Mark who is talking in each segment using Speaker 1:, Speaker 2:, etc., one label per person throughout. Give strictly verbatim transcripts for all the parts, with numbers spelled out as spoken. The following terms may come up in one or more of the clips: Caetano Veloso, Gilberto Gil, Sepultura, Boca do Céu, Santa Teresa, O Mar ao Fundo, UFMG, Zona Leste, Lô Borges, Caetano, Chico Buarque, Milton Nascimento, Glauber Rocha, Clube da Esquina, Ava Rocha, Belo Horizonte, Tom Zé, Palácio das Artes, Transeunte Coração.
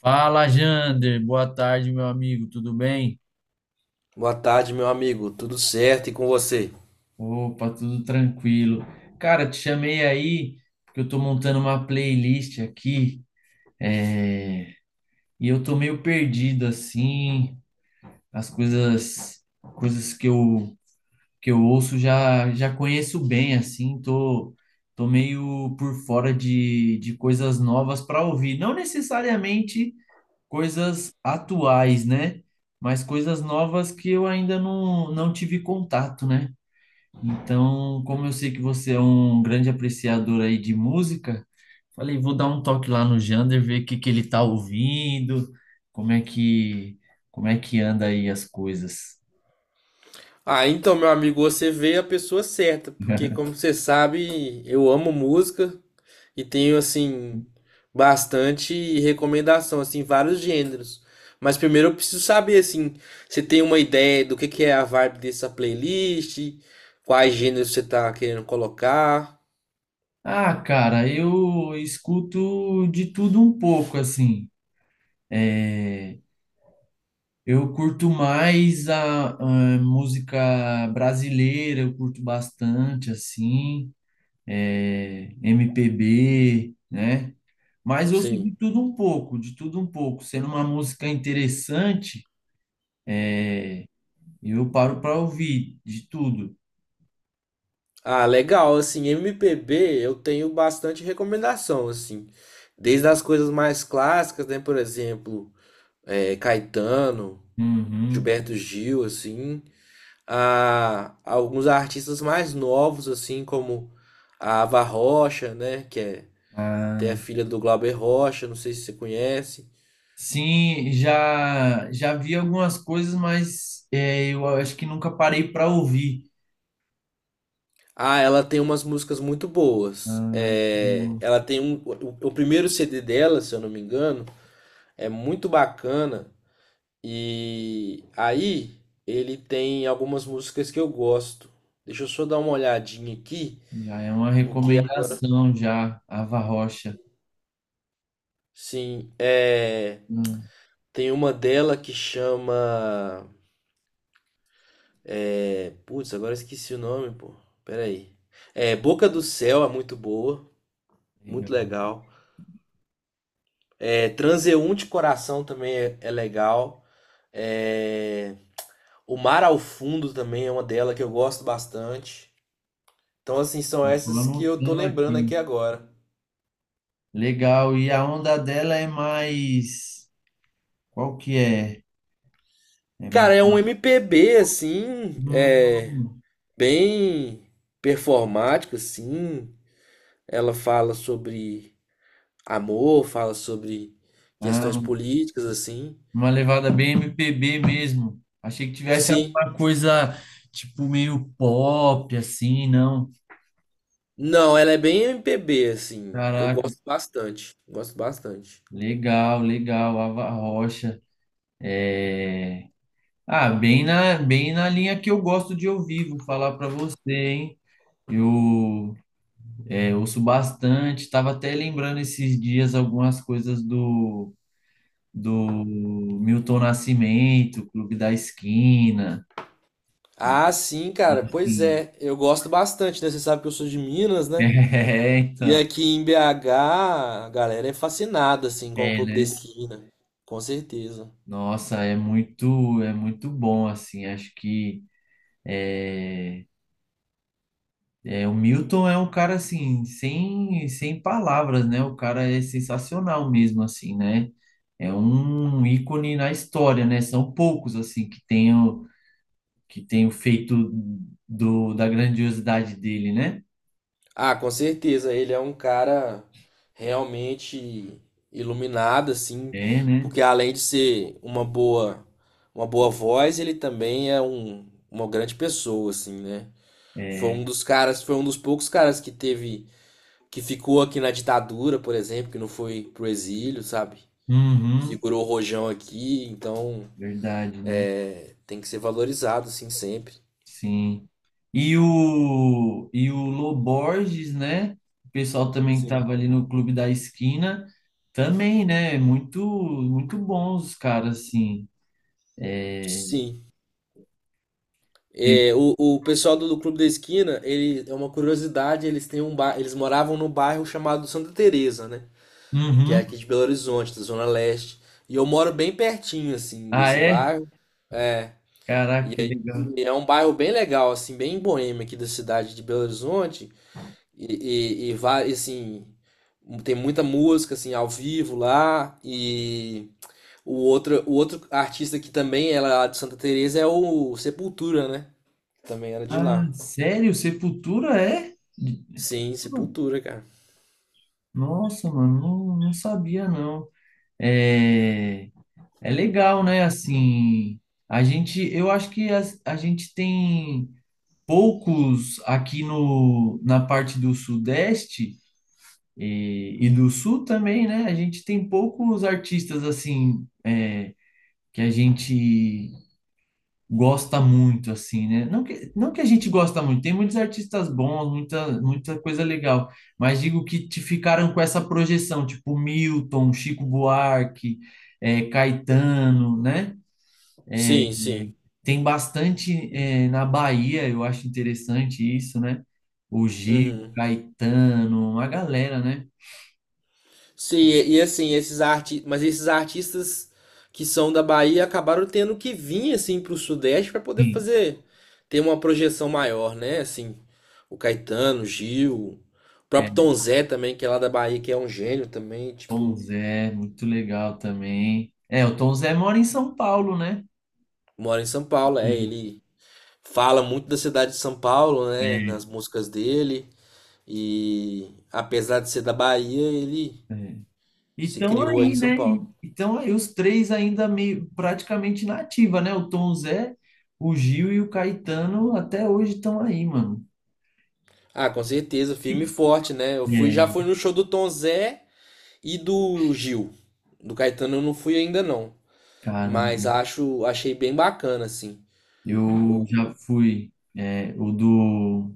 Speaker 1: Fala, Jander. Boa tarde, meu amigo. Tudo bem?
Speaker 2: Boa tarde, meu amigo. Tudo certo e com você?
Speaker 1: Opa, tudo tranquilo. Cara, te chamei aí porque eu tô montando uma playlist aqui e eu tô meio perdido assim. As coisas, coisas que eu que eu ouço já já conheço bem assim. Tô tô meio por fora de de coisas novas para ouvir. Não necessariamente coisas atuais, né? Mas coisas novas que eu ainda não não tive contato, né? Então, como eu sei que você é um grande apreciador aí de música, falei, vou dar um toque lá no Jander, ver o que que ele tá ouvindo, como é que como é que anda aí as coisas.
Speaker 2: Ah, então, meu amigo, você veio a pessoa certa, porque como você sabe, eu amo música e tenho assim bastante recomendação assim, vários gêneros. Mas primeiro eu preciso saber assim, você tem uma ideia do que que é a vibe dessa playlist, quais gêneros você tá querendo colocar?
Speaker 1: Ah, cara, eu escuto de tudo um pouco, assim. É, eu curto mais a, a música brasileira, eu curto bastante, assim, é, M P B, né? Mas eu ouço
Speaker 2: Sim.
Speaker 1: de tudo um pouco, de tudo um pouco. Sendo uma música interessante, eu paro para ouvir de tudo.
Speaker 2: Ah, legal, assim, M P B eu tenho bastante recomendação, assim, desde as coisas mais clássicas, né, por exemplo, eh, Caetano,
Speaker 1: Uhum.
Speaker 2: Gilberto Gil, assim, a alguns artistas mais novos, assim, como a Ava Rocha, né, que é até
Speaker 1: Ah,
Speaker 2: a filha do Glauber Rocha, não sei se você conhece.
Speaker 1: sim, já já vi algumas coisas, mas é, eu acho que nunca parei para ouvir.
Speaker 2: Ah, ela tem umas músicas muito boas.
Speaker 1: Ah,
Speaker 2: É,
Speaker 1: hum,
Speaker 2: ela tem um, o, o primeiro C D dela, se eu não me engano, é muito bacana. E aí ele tem algumas músicas que eu gosto. Deixa eu só dar uma olhadinha aqui,
Speaker 1: já é uma
Speaker 2: porque
Speaker 1: recomendação já, Ava Rocha.
Speaker 2: assim, é,
Speaker 1: Hum,
Speaker 2: tem uma dela que chama é, putz, agora eu esqueci o nome, pô. Pera aí. É, Boca do Céu é muito boa, muito
Speaker 1: legal.
Speaker 2: legal. É, Transeunte Coração também é, é legal. É, O Mar ao Fundo também é uma dela que eu gosto bastante. Então, assim, são
Speaker 1: Estou
Speaker 2: essas que eu tô
Speaker 1: anotando
Speaker 2: lembrando
Speaker 1: aqui.
Speaker 2: aqui agora.
Speaker 1: Legal. E a onda dela é mais. Qual que é? É mais.
Speaker 2: Cara, é um M P B assim, é
Speaker 1: Hum,
Speaker 2: bem performático assim. Ela fala sobre amor, fala sobre questões
Speaker 1: ah,
Speaker 2: políticas assim.
Speaker 1: uma levada bem M P B mesmo. Achei que tivesse
Speaker 2: Sim.
Speaker 1: alguma coisa tipo meio pop, assim, não.
Speaker 2: Não, ela é bem M P B assim. Eu
Speaker 1: Caraca,
Speaker 2: gosto bastante, gosto bastante.
Speaker 1: legal, legal. Ava Rocha. É... Ah, bem na, bem na linha que eu gosto de ouvir, vou falar pra você, hein? Eu é, ouço bastante, tava até lembrando esses dias algumas coisas do, do Milton Nascimento, Clube da Esquina, né?
Speaker 2: Ah, sim, cara. Pois
Speaker 1: Enfim.
Speaker 2: é, eu gosto bastante, né? Você sabe que eu sou de Minas, né?
Speaker 1: É,
Speaker 2: E
Speaker 1: então.
Speaker 2: aqui em B H, a galera é fascinada assim com o
Speaker 1: É,
Speaker 2: Clube da
Speaker 1: né?
Speaker 2: Esquina. Com certeza.
Speaker 1: Nossa, é muito, é muito bom, assim, acho que é, é, o Milton é um cara, assim, sem, sem palavras, né? O cara é sensacional mesmo, assim, né? É um ícone na história, né? São poucos, assim, que tenham, que tenham feito do, da grandiosidade dele, né?
Speaker 2: Ah, com certeza, ele é um cara realmente iluminado, assim,
Speaker 1: É, né?
Speaker 2: porque além de ser uma boa, uma boa voz, ele também é um, uma grande pessoa, assim, né? Foi
Speaker 1: É,
Speaker 2: um dos caras, foi um dos poucos caras que teve, que ficou aqui na ditadura, por exemplo, que não foi pro exílio, sabe?
Speaker 1: uhum,
Speaker 2: Segurou o rojão aqui, então
Speaker 1: verdade, né?
Speaker 2: é, tem que ser valorizado, assim, sempre.
Speaker 1: Sim. E o, e o Lô Borges, né? O pessoal também que
Speaker 2: Sim.
Speaker 1: tava ali no Clube da Esquina, também, né? Muito, muito bons os caras, assim.
Speaker 2: Sim.
Speaker 1: Teve-
Speaker 2: É, o, o pessoal do, do Clube da Esquina, ele é uma curiosidade, eles têm um ba... eles moravam num bairro chamado Santa Teresa, né? Que é aqui
Speaker 1: Uhum.
Speaker 2: de Belo Horizonte, da Zona Leste. E eu moro bem pertinho, assim,
Speaker 1: Ah,
Speaker 2: desse
Speaker 1: é?
Speaker 2: bairro. É,
Speaker 1: Caraca, que legal.
Speaker 2: e é um bairro bem legal, assim, bem boêmio aqui da cidade de Belo Horizonte. E, e, e va- e, assim, tem muita música, assim, ao vivo lá. E o outro, o outro artista que também é lá de Santa Teresa é o Sepultura, né? Também era de
Speaker 1: Ah,
Speaker 2: lá.
Speaker 1: sério? Sepultura é?
Speaker 2: Sim,
Speaker 1: Caramba.
Speaker 2: Sepultura, cara.
Speaker 1: Nossa, mano, não, não sabia, não. É, é legal, né? Assim, a gente, eu acho que a, a gente tem poucos aqui no, na parte do Sudeste e, e do Sul também, né? A gente tem poucos artistas assim é, que a gente gosta muito, assim, né? Não que, não que a gente gosta muito, tem muitos artistas bons, muita, muita coisa legal, mas digo que te ficaram com essa projeção, tipo Milton, Chico Buarque, é, Caetano, né?
Speaker 2: Sim, sim.
Speaker 1: Tem bastante eh, na Bahia, eu acho interessante isso, né? O Gil,
Speaker 2: Uhum.
Speaker 1: Caetano, uma galera, né?
Speaker 2: Sim, e, e assim, esses arti... mas esses artistas que são da Bahia acabaram tendo que vir assim pro Sudeste para poder
Speaker 1: Sim.
Speaker 2: fazer ter uma projeção maior, né? Assim, o Caetano, o Gil, o próprio
Speaker 1: É,
Speaker 2: Tom Zé também, que é lá da Bahia, que é um gênio também,
Speaker 1: Tom
Speaker 2: tipo,
Speaker 1: Zé, muito legal também. É, o Tom Zé mora em São Paulo, né?
Speaker 2: mora em São Paulo, é,
Speaker 1: Uhum.
Speaker 2: ele fala muito da cidade de São Paulo, né, nas músicas dele, e apesar de ser da Bahia, ele
Speaker 1: É.
Speaker 2: se
Speaker 1: Então
Speaker 2: criou aí em
Speaker 1: aí,
Speaker 2: São
Speaker 1: né?
Speaker 2: Paulo.
Speaker 1: Então aí os três ainda meio praticamente na ativa, né? O Tom Zé, o Gil e o Caetano até hoje estão aí, mano.
Speaker 2: Ah, com certeza, firme e
Speaker 1: E-
Speaker 2: forte, né? Eu fui,
Speaker 1: É,
Speaker 2: já fui no show do Tom Zé e do Gil. Do Caetano eu não fui ainda não,
Speaker 1: cara,
Speaker 2: mas acho, achei bem bacana assim.
Speaker 1: eu
Speaker 2: O-
Speaker 1: já fui é, o do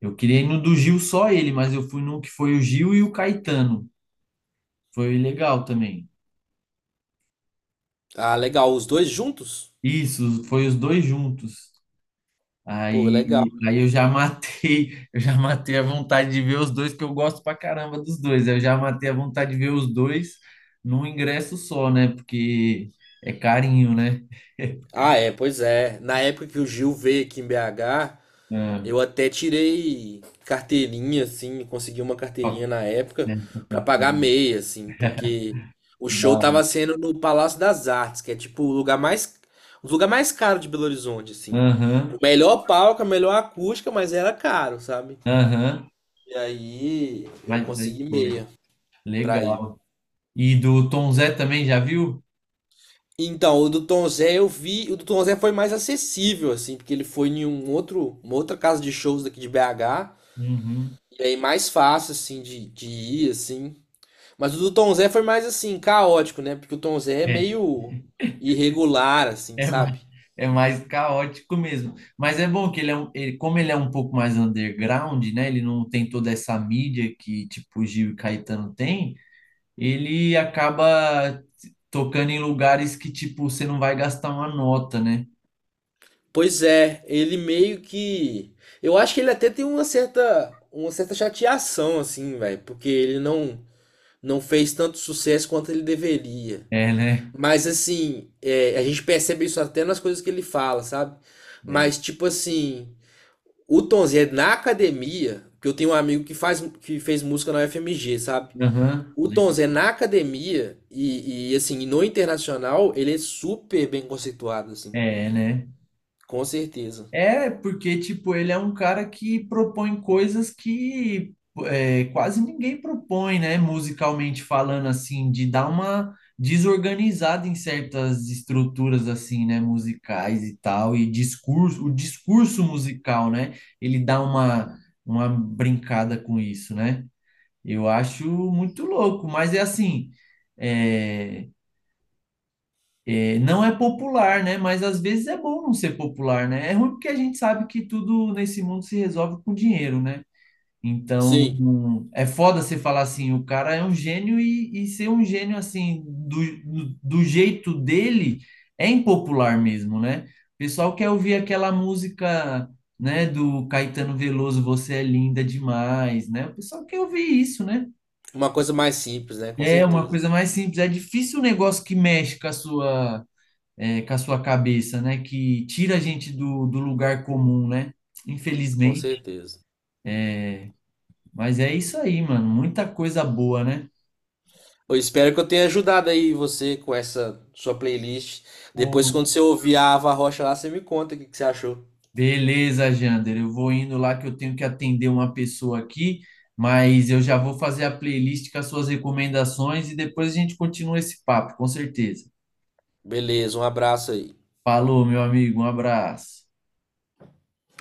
Speaker 1: eu queria ir no do Gil só ele, mas eu fui num que foi o Gil e o Caetano. Foi legal também.
Speaker 2: ah, legal, os dois juntos?
Speaker 1: Isso, foi os dois juntos.
Speaker 2: Pô, legal.
Speaker 1: Aí, aí eu já matei, eu já matei a vontade de ver os dois, que eu gosto pra caramba dos dois. Eu já matei a vontade de ver os dois num ingresso só, né? Porque é carinho, né?
Speaker 2: Ah, é, pois é. Na época que o Gil veio aqui em B H,
Speaker 1: Ah,
Speaker 2: eu até tirei carteirinha, assim, consegui uma
Speaker 1: ó,
Speaker 2: carteirinha na época
Speaker 1: né?
Speaker 2: pra pagar meia, assim, porque o show
Speaker 1: Não.
Speaker 2: tava sendo no Palácio das Artes, que é tipo o lugar mais, um dos lugares mais caros de Belo Horizonte, assim. O
Speaker 1: Aham,
Speaker 2: melhor palco, a melhor acústica, mas era caro, sabe?
Speaker 1: aham.
Speaker 2: E aí eu
Speaker 1: Mas aí
Speaker 2: consegui
Speaker 1: foi.
Speaker 2: meia pra ir.
Speaker 1: Legal. E do Tom Zé também, já viu?
Speaker 2: Então, o do Tom Zé eu vi, o do Tom Zé foi mais acessível, assim, porque ele foi em um outro, uma outra casa de shows daqui de B H,
Speaker 1: Uhum.
Speaker 2: e aí mais fácil, assim, de, de ir, assim. Mas o do Tom Zé foi mais assim, caótico, né? Porque o Tom Zé é
Speaker 1: É,
Speaker 2: meio irregular, assim,
Speaker 1: é mais,
Speaker 2: sabe?
Speaker 1: é mais caótico mesmo. Mas é bom que ele é um, ele- como ele é um pouco mais underground, né? Ele não tem toda essa mídia que tipo o Gil e Caetano tem, ele acaba t- tocando em lugares que tipo você não vai gastar uma nota, né?
Speaker 2: Pois é, ele meio que. Eu acho que ele até tem uma certa, uma certa chateação, assim, velho, porque ele não, não fez tanto sucesso quanto ele deveria.
Speaker 1: É, né?
Speaker 2: Mas, assim, é, a gente percebe isso até nas coisas que ele fala, sabe?
Speaker 1: É.
Speaker 2: Mas, tipo assim, o Tom Zé na academia, que eu tenho um amigo que faz, que fez música na U F M G, sabe?
Speaker 1: Aham.
Speaker 2: O Tom Zé na academia e, e, assim, no internacional, ele é super bem conceituado, assim.
Speaker 1: É, né?
Speaker 2: Com certeza.
Speaker 1: É, porque, tipo, ele é um cara que propõe coisas que é, quase ninguém propõe, né? Musicalmente falando, assim, de dar uma desorganizada em certas estruturas, assim, né? Musicais e tal, e discurso, o discurso musical, né? Ele dá uma, uma brincada com isso, né? Eu acho muito louco, mas é assim, é, é, não é popular, né? Mas às vezes é bom não ser popular, né? É ruim porque a gente sabe que tudo nesse mundo se resolve com dinheiro, né? Então,
Speaker 2: Sim,
Speaker 1: é foda você falar assim, o cara é um gênio e, e ser um gênio assim, do, do jeito dele, é impopular mesmo, né? O pessoal quer ouvir aquela música, né, do Caetano Veloso, Você é linda demais, né? O pessoal quer ouvir isso, né?
Speaker 2: uma coisa mais simples, né? Com
Speaker 1: É uma
Speaker 2: certeza.
Speaker 1: coisa mais simples, é difícil um negócio que mexe com a sua é, com a sua cabeça, né? Que tira a gente do, do lugar comum, né?
Speaker 2: Com
Speaker 1: Infelizmente.
Speaker 2: certeza.
Speaker 1: Mas é isso aí, mano. Muita coisa boa, né?
Speaker 2: Eu espero que eu tenha ajudado aí você com essa sua playlist. Depois,
Speaker 1: Pô,
Speaker 2: quando você ouvir a Ava Rocha lá, você me conta o que que você achou.
Speaker 1: beleza, Jander. Eu vou indo lá que eu tenho que atender uma pessoa aqui, mas eu já vou fazer a playlist com as suas recomendações e depois a gente continua esse papo, com certeza.
Speaker 2: Beleza, um abraço aí.
Speaker 1: Falou, meu amigo. Um abraço.